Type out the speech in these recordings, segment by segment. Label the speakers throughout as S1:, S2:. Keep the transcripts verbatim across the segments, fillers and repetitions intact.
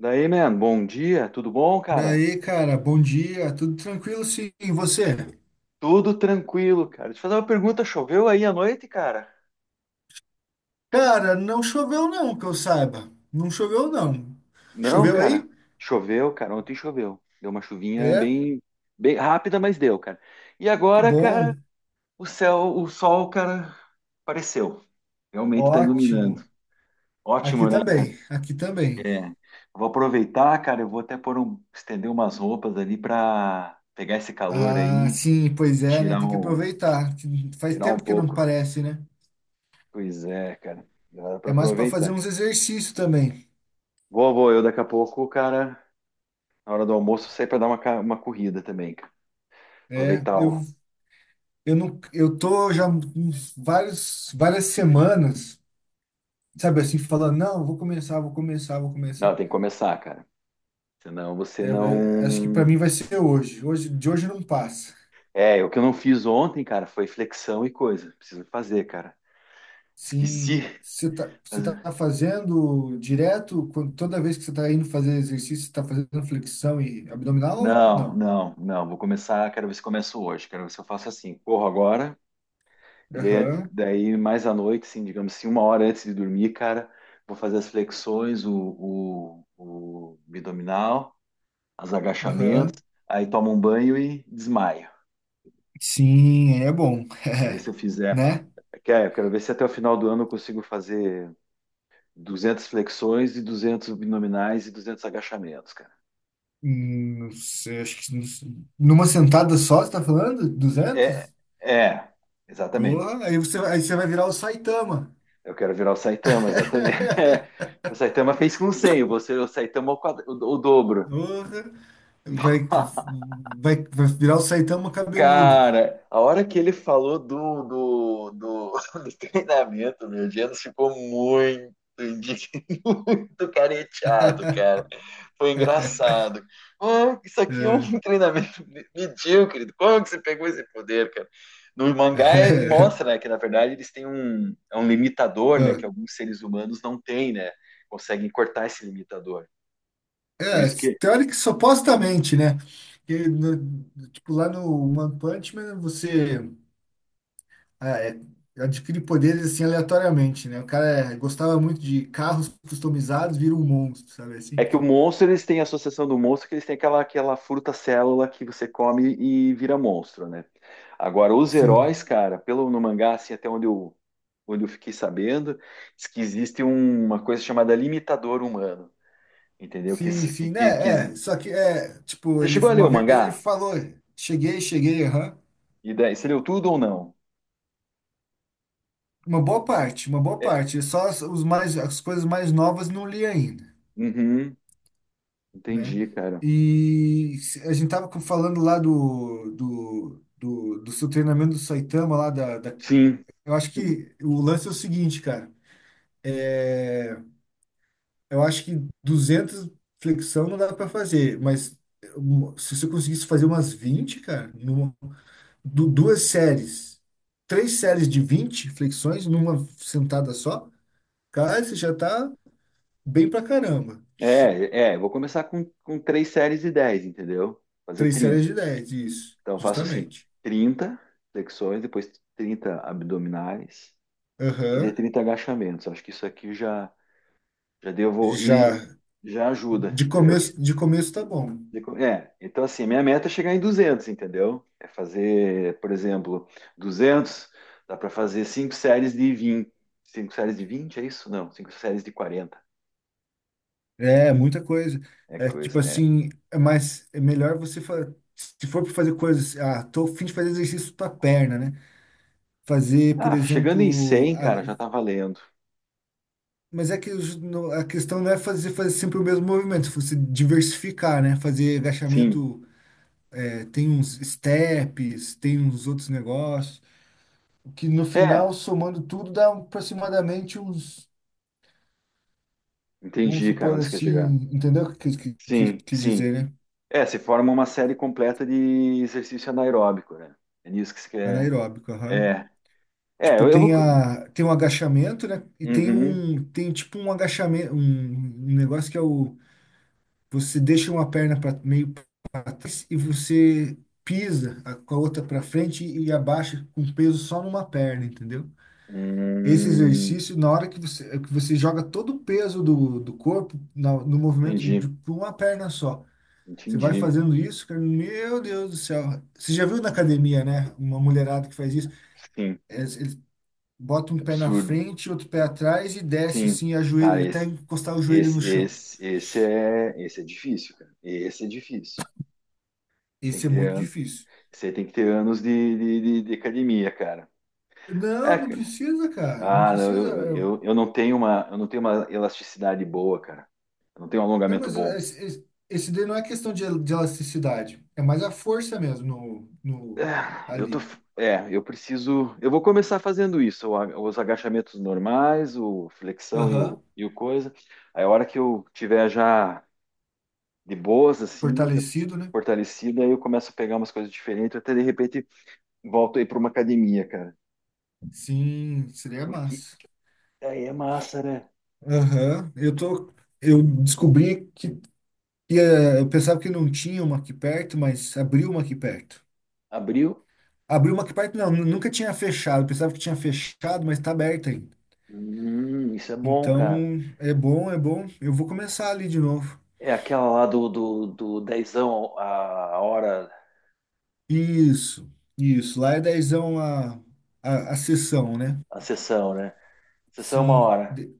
S1: Daí, man, bom dia, tudo bom, cara?
S2: Daí, cara, bom dia, tudo tranquilo sim, e você?
S1: Tudo tranquilo, cara. Deixa eu fazer uma pergunta, choveu aí à noite, cara?
S2: Cara, não choveu não, que eu saiba. Não choveu não.
S1: Não,
S2: Choveu
S1: cara,
S2: aí?
S1: choveu, cara, ontem choveu. Deu uma chuvinha
S2: É,
S1: bem, bem rápida, mas deu, cara. E
S2: que
S1: agora, cara,
S2: bom.
S1: o céu, o sol, cara, apareceu. Realmente tá
S2: Ótimo.
S1: iluminando.
S2: Aqui
S1: Ótimo, né?
S2: também, aqui também.
S1: É. Vou aproveitar, cara, eu vou até pôr um, estender umas roupas ali pra pegar esse calor
S2: Ah,
S1: aí
S2: sim, pois
S1: e
S2: é, né?
S1: tirar
S2: Tem que
S1: um,
S2: aproveitar. Que Faz
S1: tirar um
S2: tempo que não
S1: pouco.
S2: parece, né?
S1: Pois é, cara, dá pra
S2: É mais para fazer
S1: aproveitar.
S2: uns exercícios também.
S1: Vou, vou. Eu daqui a pouco, cara, na hora do almoço, sair pra dar uma, ca- uma corrida também, cara.
S2: É,
S1: Aproveitar
S2: eu
S1: o.
S2: eu não eu tô já uns vários várias semanas, sabe assim, falando, não, vou começar, vou começar, vou
S1: Não,
S2: começar.
S1: tem que começar, cara. Senão você
S2: É, é, acho que para
S1: não.
S2: mim vai ser hoje. Hoje, de hoje não passa.
S1: É, é, o que eu não fiz ontem, cara, foi flexão e coisa. Preciso fazer, cara.
S2: Sim,
S1: Esqueci.
S2: você tá, você tá
S1: Mas-
S2: fazendo direto, quando, toda vez que você tá indo fazer exercício, você tá fazendo flexão e abdominal, ou
S1: Não,
S2: não?
S1: não, não. Vou começar. Quero ver se começo hoje. Quero ver se eu faço assim. Corro agora. E daí,
S2: Aham,
S1: daí mais à noite, assim, digamos assim, uma hora antes de dormir, cara, vou fazer as flexões, o, o, o abdominal. Os
S2: aham.
S1: agachamentos, aí tomo um banho e desmaio.
S2: Sim, é bom.
S1: E daí
S2: É,
S1: se eu fizer,
S2: né?
S1: quer- eu quero ver se até o final do ano eu consigo fazer duzentas flexões e duzentos abdominais e duzentos agachamentos, cara.
S2: Hum, Não sei, acho que não sei. Numa sentada só, você está falando?
S1: É,
S2: duzentos?
S1: é,
S2: Oh,
S1: exatamente.
S2: aí você, aí você vai virar o Saitama.
S1: Eu quero virar o Saitama, exatamente. O Saitama fez com cem, você, o Saitama é o, quadra- o, o dobro.
S2: Porra, vai, vai, vai virar o Saitama cabeludo.
S1: Cara, a hora que ele falou do, do, do, do treinamento, meu Diano ficou muito, indi- muito careteado, cara. Foi engraçado. Ah, isso aqui é um
S2: É,
S1: treinamento medíocre. Como que você pegou esse poder, cara? No mangá é- mostra, né, que na verdade eles têm um, é um limitador, né, que alguns seres humanos não têm, né? Conseguem cortar esse limitador. Por
S2: é,
S1: isso que
S2: teórico, supostamente, né? Que no- tipo, lá no One Punch Man, você ah, é, adquire poderes assim aleatoriamente, né? O cara é, gostava muito de carros customizados, vira um monstro, sabe? Assim,
S1: é que o
S2: tipo,
S1: monstro eles têm a associação do monstro que eles têm aquela aquela fruta célula que você come e vira monstro, né? Agora os
S2: sim,
S1: heróis, cara, pelo no mangá assim até onde eu onde eu fiquei sabendo, diz que existe um- uma coisa chamada limitador humano. Entendeu? Que,
S2: sim,
S1: que,
S2: sim,
S1: que,
S2: né? É,
S1: que-
S2: só que é, tipo,
S1: Você
S2: ele,
S1: chegou a ler o
S2: uma vez ele
S1: mangá?
S2: falou, cheguei, cheguei, aham.
S1: E daí, você leu tudo ou não?
S2: Uma boa parte, uma boa
S1: É,
S2: parte. Só as, os mais, as coisas mais novas não li ainda,
S1: uhum,
S2: né?
S1: entendi, cara.
S2: E se- a gente tava com- falando lá do, do, do, do seu treinamento do Saitama lá da, da-
S1: Sim.
S2: Eu acho que o lance é o seguinte, cara. É, eu acho que duzentos flexão não dá para fazer, mas um, se você conseguisse fazer umas vinte, cara, numa, du- duas séries, três séries de vinte flexões numa sentada só, cara, você já tá bem pra caramba.
S1: É, é, vou começar com, com três séries de dez, entendeu? Fazer
S2: Três séries
S1: trinta.
S2: de dez, isso,
S1: Então eu faço assim,
S2: justamente.
S1: trinta flexões, depois trinta abdominais e daí
S2: Aham.
S1: trinta agachamentos. Acho que isso aqui já já devo e
S2: Já.
S1: já ajuda.
S2: De
S1: É, eu,
S2: começo, de começo tá bom.
S1: De co- é, então assim, a minha meta é chegar em duzentos, entendeu? É fazer, por exemplo, duzentos, dá para fazer cinco séries de vinte, cinco séries de vinte é isso? Não, cinco séries de quarenta.
S2: É, muita coisa.
S1: É
S2: É tipo
S1: coisa, é.
S2: assim, é mais é melhor você fa- se for para fazer coisas, ah, tô a fim de fazer exercício para perna, né? Fazer, por
S1: Ah, chegando em
S2: exemplo,
S1: cem, cara,
S2: a-
S1: já tá valendo.
S2: mas é que os- no- a questão não é fazer fazer sempre o mesmo movimento, se você diversificar, né? Fazer
S1: Sim.
S2: agachamento, é, tem uns steps, tem uns outros negócios. Que no
S1: É,
S2: final, somando tudo, dá aproximadamente uns, vamos
S1: entendi, cara,
S2: supor
S1: onde você quer
S2: assim,
S1: chegar.
S2: entendeu o que que- que-
S1: Sim,
S2: que quis
S1: sim.
S2: dizer, né?
S1: É, se forma uma série completa de exercício anaeróbico, né? É nisso que você quer.
S2: Anaeróbico, aham.
S1: É, é,
S2: Tipo,
S1: eu, eu vou.
S2: tem, a, tem um agachamento, né? E tem
S1: Uhum.
S2: um, tem tipo um agachamento, um, um negócio que é o, você deixa uma perna pra, meio para trás e você pisa a- com a outra para frente e abaixa com peso só numa perna, entendeu? Esse
S1: Hum,
S2: exercício, na hora que você, que você joga todo o peso do, do corpo na- no movimento
S1: entendi,
S2: de pra uma perna só. Você vai
S1: entendi.
S2: fazendo isso, cara, meu Deus do céu. Você já viu na academia, né? Uma mulherada que faz isso.
S1: Sim.
S2: Eles, eles botam um pé na
S1: Absurdo.
S2: frente, outro pé atrás e desce
S1: Sim,
S2: assim,
S1: cara,
S2: ajoelha, até
S1: esse,
S2: encostar o joelho no
S1: esse,
S2: chão.
S1: esse, esse é, esse é difícil, cara. Esse é difícil. Você tem
S2: Isso
S1: que
S2: é
S1: ter,
S2: muito
S1: an-
S2: difícil.
S1: você tem que ter anos de, de, de- de academia, cara.
S2: Não,
S1: É,
S2: não
S1: cara.
S2: precisa, cara. Não
S1: Ah, não,
S2: precisa.
S1: eu,
S2: eu-
S1: eu, eu não tenho uma, eu não tenho uma elasticidade boa, cara. Eu não tenho um
S2: Não,
S1: alongamento
S2: mas é,
S1: bom.
S2: esse, esse esse daí não é questão de, el- de elasticidade. É mais a força mesmo no, no,
S1: É, eu tô,
S2: ali.
S1: é, eu preciso, eu vou começar fazendo isso, o a- os agachamentos normais, o flexão e o,
S2: Aham.
S1: e o coisa. Aí a hora que eu tiver já de boas, assim, já
S2: Fortalecido, né?
S1: fortalecida, aí eu começo a pegar umas coisas diferentes, até de repente volto aí para uma academia, cara.
S2: Sim, seria
S1: Porque
S2: massa.
S1: aí é massa, né?
S2: Aham. Eu tô. Eu descobri que. E eh, eu pensava que não tinha uma aqui perto, mas abriu uma aqui perto.
S1: Abriu?
S2: Abriu uma aqui perto, não, nu- nunca tinha fechado. Eu pensava que tinha fechado, mas tá aberta ainda.
S1: Hum, isso é bom,
S2: Então,
S1: cara.
S2: é bom, é bom. Eu vou começar ali de novo.
S1: É aquela lá do, do, do dezão a hora,
S2: Isso, isso. Lá é dezão a, a, a sessão, né?
S1: a sessão, né? Sessão é uma
S2: Sim.
S1: hora.
S2: De-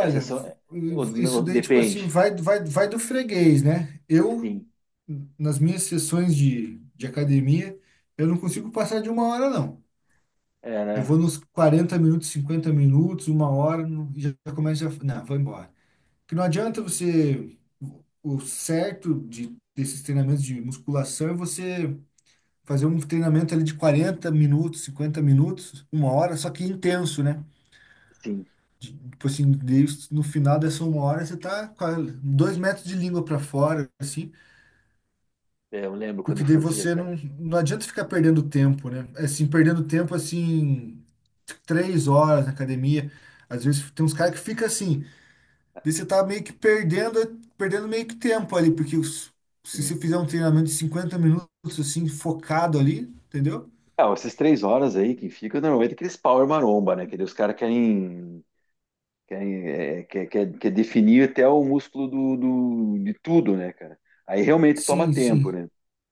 S1: A sessão, o- o-
S2: isso daí, tipo assim,
S1: depende.
S2: vai, vai, vai do freguês, né? Eu,
S1: Sim,
S2: nas minhas sessões de, de academia, eu não consigo passar de uma hora, não.
S1: é,
S2: Eu vou
S1: né?
S2: nos quarenta minutos, cinquenta minutos, uma hora, não- já começa a. Não, vou embora. Porque não adianta você. O certo de, desses treinamentos de musculação é você fazer um treinamento ali de quarenta minutos, cinquenta minutos, uma hora, só que intenso, né?
S1: Sim,
S2: Tipo assim, daí no final dessa uma hora você tá com a- dois metros de língua para fora, assim.
S1: é, eu lembro quando
S2: Porque
S1: eu
S2: daí
S1: fazia,
S2: você
S1: cara.
S2: não, não adianta ficar perdendo tempo, né? Assim, perdendo tempo, assim, três horas na academia. Às vezes tem uns caras que fica assim, daí você tá meio que perdendo, perdendo meio que tempo ali, porque os- se você
S1: Sim.
S2: fizer um treinamento de cinquenta minutos, assim, focado ali, entendeu?
S1: Ah, essas três horas aí que fica, normalmente aqueles power maromba, né? Que daí os caras querem Quer, é, quer, quer, quer definir até o músculo do, do, de tudo, né, cara? Aí realmente toma
S2: Sim,
S1: tempo,
S2: sim.
S1: né?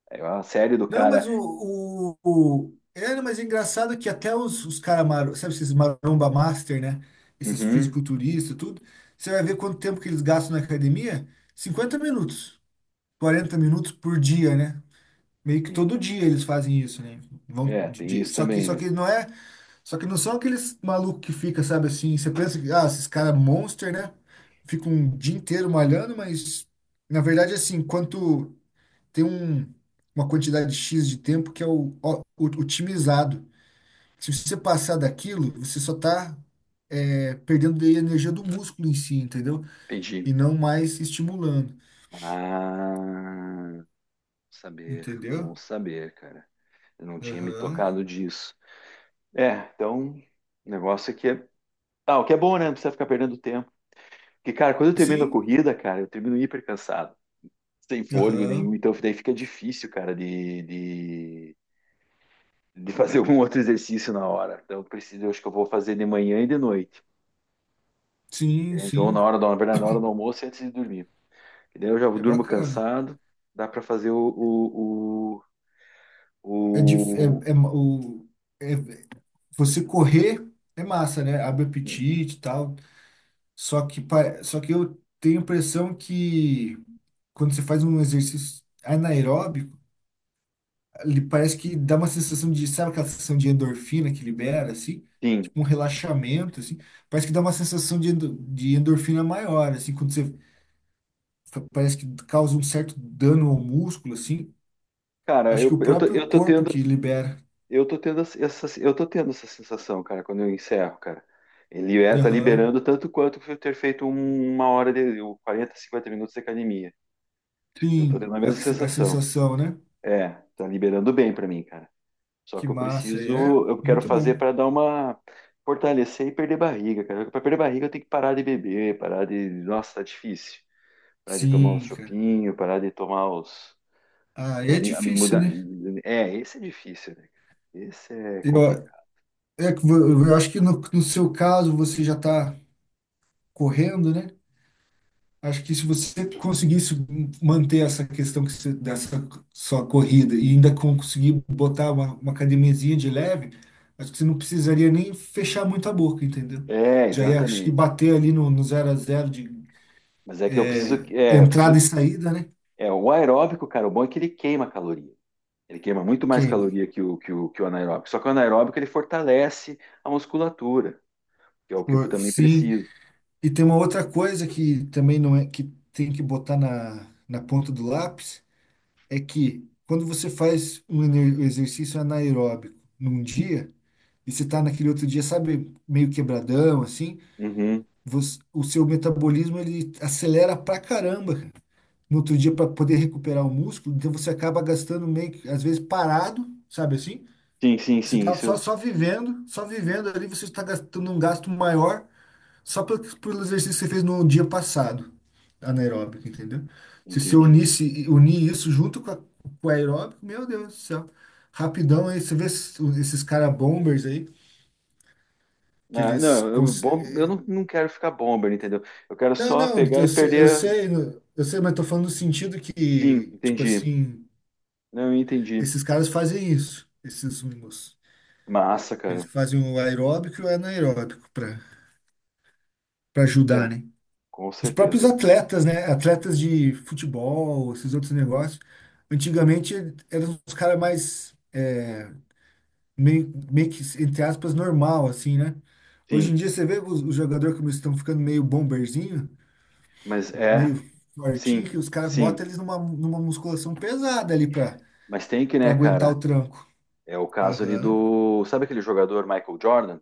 S1: É uma série do
S2: Não, mas
S1: cara.
S2: o, o, o- era, mas é engraçado que até os, os caras, sabe, esses maromba master, né? Esses
S1: Uhum,
S2: fisiculturistas, tudo. Você vai ver quanto tempo que eles gastam na academia? Cinquenta minutos, quarenta minutos por dia, né? Meio que
S1: sim.
S2: todo dia eles fazem isso, né? Vão
S1: É,
S2: de-
S1: tem
S2: de-
S1: isso
S2: só que,
S1: também,
S2: só
S1: né?
S2: que não é. Só que não são aqueles malucos que fica, sabe assim? Você pensa que, ah, esses caras monster, né? Ficam um dia inteiro malhando, mas na verdade, assim, quanto tem um- uma quantidade xis de tempo que é o, o- otimizado. Se você passar daquilo, você só está perdendo daí a energia do músculo em si, entendeu?
S1: Entendi.
S2: E não mais estimulando,
S1: Ah, saber, bom
S2: entendeu?
S1: saber, cara. Eu não tinha me
S2: Aham.
S1: tocado disso. É, então, o negócio aqui é. Ah, o que é bom, né? Não precisa ficar perdendo tempo. Porque, cara, quando eu termino a
S2: Sim,
S1: corrida, cara, eu termino hiper cansado, sem fôlego nenhum.
S2: aham.
S1: Então, daí fica difícil, cara, de, de de fazer algum outro exercício na hora. Então, eu preciso, eu acho que eu vou fazer de manhã e de noite,
S2: Sim,
S1: entende? Ou
S2: sim.
S1: na hora do, na verdade, na hora do almoço e antes de dormir. E daí eu já
S2: É
S1: durmo
S2: bacana.
S1: cansado, dá para fazer. o, o,
S2: É, dif-
S1: o,
S2: é, é ma- o, é- você correr é massa, né? Abre
S1: o...
S2: apetite e tal. Só que, pa- só que eu tenho a impressão que quando você faz um exercício anaeróbico, ele parece que dá uma sensação de, sabe aquela sensação de endorfina que libera, assim?
S1: Sim.
S2: Tipo um relaxamento, assim. Parece que dá uma sensação de, endo- de endorfina maior, assim, quando você fa- parece que causa um certo dano ao músculo, assim.
S1: Cara,
S2: Acho que
S1: eu,
S2: o
S1: eu, tô,
S2: próprio
S1: eu tô
S2: corpo
S1: tendo,
S2: que libera.
S1: eu tô tendo essa, eu tô tendo essa sensação, cara, quando eu encerro, cara. Ele é, tá
S2: Aham.
S1: liberando tanto quanto eu ter feito um- uma hora de quarenta, cinquenta minutos de academia. Eu tô tendo
S2: Sim,
S1: a
S2: a,
S1: mesma
S2: se- a
S1: sensação.
S2: sensação, né?
S1: É, tá liberando bem para mim, cara. Só
S2: Que
S1: que eu
S2: massa, é
S1: preciso, eu quero
S2: muito
S1: fazer
S2: bom.
S1: para dar uma fortalecer e perder barriga, cara. Para perder barriga eu tenho que parar de beber, parar de, nossa, tá difícil. Parar de tomar os
S2: Sim, cara.
S1: chopinhos, parar de tomar os
S2: Ah, é difícil,
S1: mudar.
S2: né?
S1: É, esse é difícil, né, cara? Esse é
S2: Eu,
S1: complicado.
S2: é, que vo- eu acho que no, no seu caso você já tá correndo, né? Acho que se você conseguisse manter essa questão que você- dessa sua corrida e ainda conseguir botar uma, uma academiazinha de leve, acho que você não precisaria nem fechar muito a boca, entendeu?
S1: É,
S2: Já ia, acho que
S1: exatamente.
S2: bater ali no, no zero a zero de
S1: Mas é que eu preciso,
S2: é,
S1: é, eu
S2: entrada e
S1: preciso,
S2: saída, né?
S1: é, o aeróbico, cara, o bom é que ele queima caloria. Ele queima muito mais
S2: Queima.
S1: caloria que o, que o, que o anaeróbico. Só que o anaeróbico ele fortalece a musculatura, que é o que eu
S2: Por-
S1: também
S2: Sim.
S1: preciso.
S2: E tem uma outra coisa que também não é que tem que botar na, na ponta do lápis, é que quando você faz um ener- um exercício anaeróbico num dia e você está naquele outro dia, sabe, meio quebradão, assim,
S1: Uhum.
S2: você- o seu metabolismo ele acelera pra caramba, cara. No outro dia para poder recuperar o músculo, então você acaba gastando meio que, às vezes, parado, sabe assim?
S1: Sim, sim,
S2: Você
S1: sim,
S2: tá
S1: isso
S2: só,
S1: eu
S2: só vivendo, só vivendo ali, você está gastando um gasto maior só pelo, pelo exercício que você fez no dia passado, anaeróbico, entendeu? Se você
S1: entendi.
S2: unisse, unir isso junto com, a, com o aeróbico, meu Deus do céu. Rapidão aí, você vê esses, esses cara bombers aí, que
S1: Ah,
S2: eles...
S1: não, eu,
S2: cons-
S1: bom, eu não, não quero ficar bomber, entendeu? Eu quero
S2: Não,
S1: só
S2: não,
S1: pegar e
S2: eu sei, eu
S1: perder.
S2: sei, eu sei, mas tô falando no sentido
S1: Sim,
S2: que, tipo
S1: entendi.
S2: assim,
S1: Não, eu entendi.
S2: esses caras fazem isso, esses mimos.
S1: Massa,
S2: Eles
S1: cara.
S2: fazem o aeróbico e o anaeróbico pra, pra
S1: É,
S2: ajudar, né?
S1: com
S2: Os próprios
S1: certeza.
S2: atletas, né? Atletas de futebol, esses outros negócios. Antigamente eram os caras mais é, meio, meio que, entre aspas, normal, assim, né? Hoje
S1: Sim,
S2: em dia você vê os, os jogadores como eles estão ficando meio bomberzinho,
S1: mas é,
S2: meio fortinho,
S1: sim,
S2: que os caras
S1: sim.
S2: botam eles numa, numa musculação pesada ali pra,
S1: Mas tem que,
S2: pra
S1: né,
S2: aguentar
S1: cara?
S2: o tranco.
S1: É o caso ali
S2: Aham.
S1: do. Sabe aquele jogador Michael Jordan,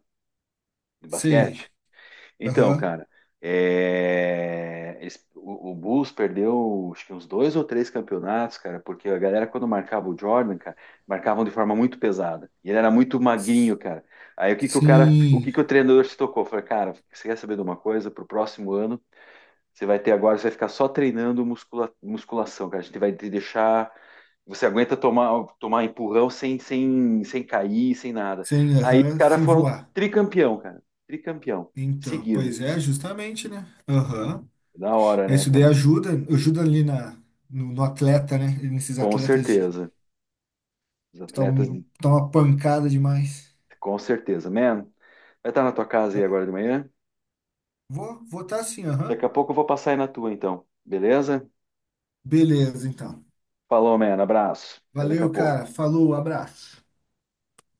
S1: de
S2: Sei.
S1: basquete? Então,
S2: Aham.
S1: cara, é, eles- o, o Bulls perdeu, acho que uns dois ou três campeonatos, cara, porque a galera, quando marcava o Jordan, cara, marcavam de forma muito pesada. E ele era muito magrinho,
S2: S-
S1: cara. Aí o que que o cara, o que
S2: Sim.
S1: que o treinador se tocou? Falei, cara, você quer saber de uma coisa? Pro próximo ano, você vai ter agora, você vai ficar só treinando muscula- musculação, cara. A gente vai te deixar. Você aguenta tomar, tomar empurrão sem, sem, sem cair, sem nada.
S2: Sem
S1: Aí os
S2: aham,
S1: caras
S2: sem
S1: foram
S2: voar.
S1: tricampeão, cara. Tricampeão
S2: Então,
S1: seguido.
S2: pois é, justamente, né? Aham.
S1: Da hora,
S2: É,
S1: né,
S2: isso daí
S1: cara?
S2: ajuda, ajuda ali na, no, no atleta, né? Nesses
S1: Com
S2: atletas de, que
S1: certeza. Os atletas,
S2: estão uma pancada demais.
S1: com certeza. Man, vai estar na tua casa aí agora de manhã?
S2: Vou votar sim, aham.
S1: Daqui a pouco eu vou passar aí na tua, então. Beleza?
S2: Beleza, então.
S1: Falou, man. Abraço. Até daqui a
S2: Valeu, cara.
S1: pouco.
S2: Falou, abraço.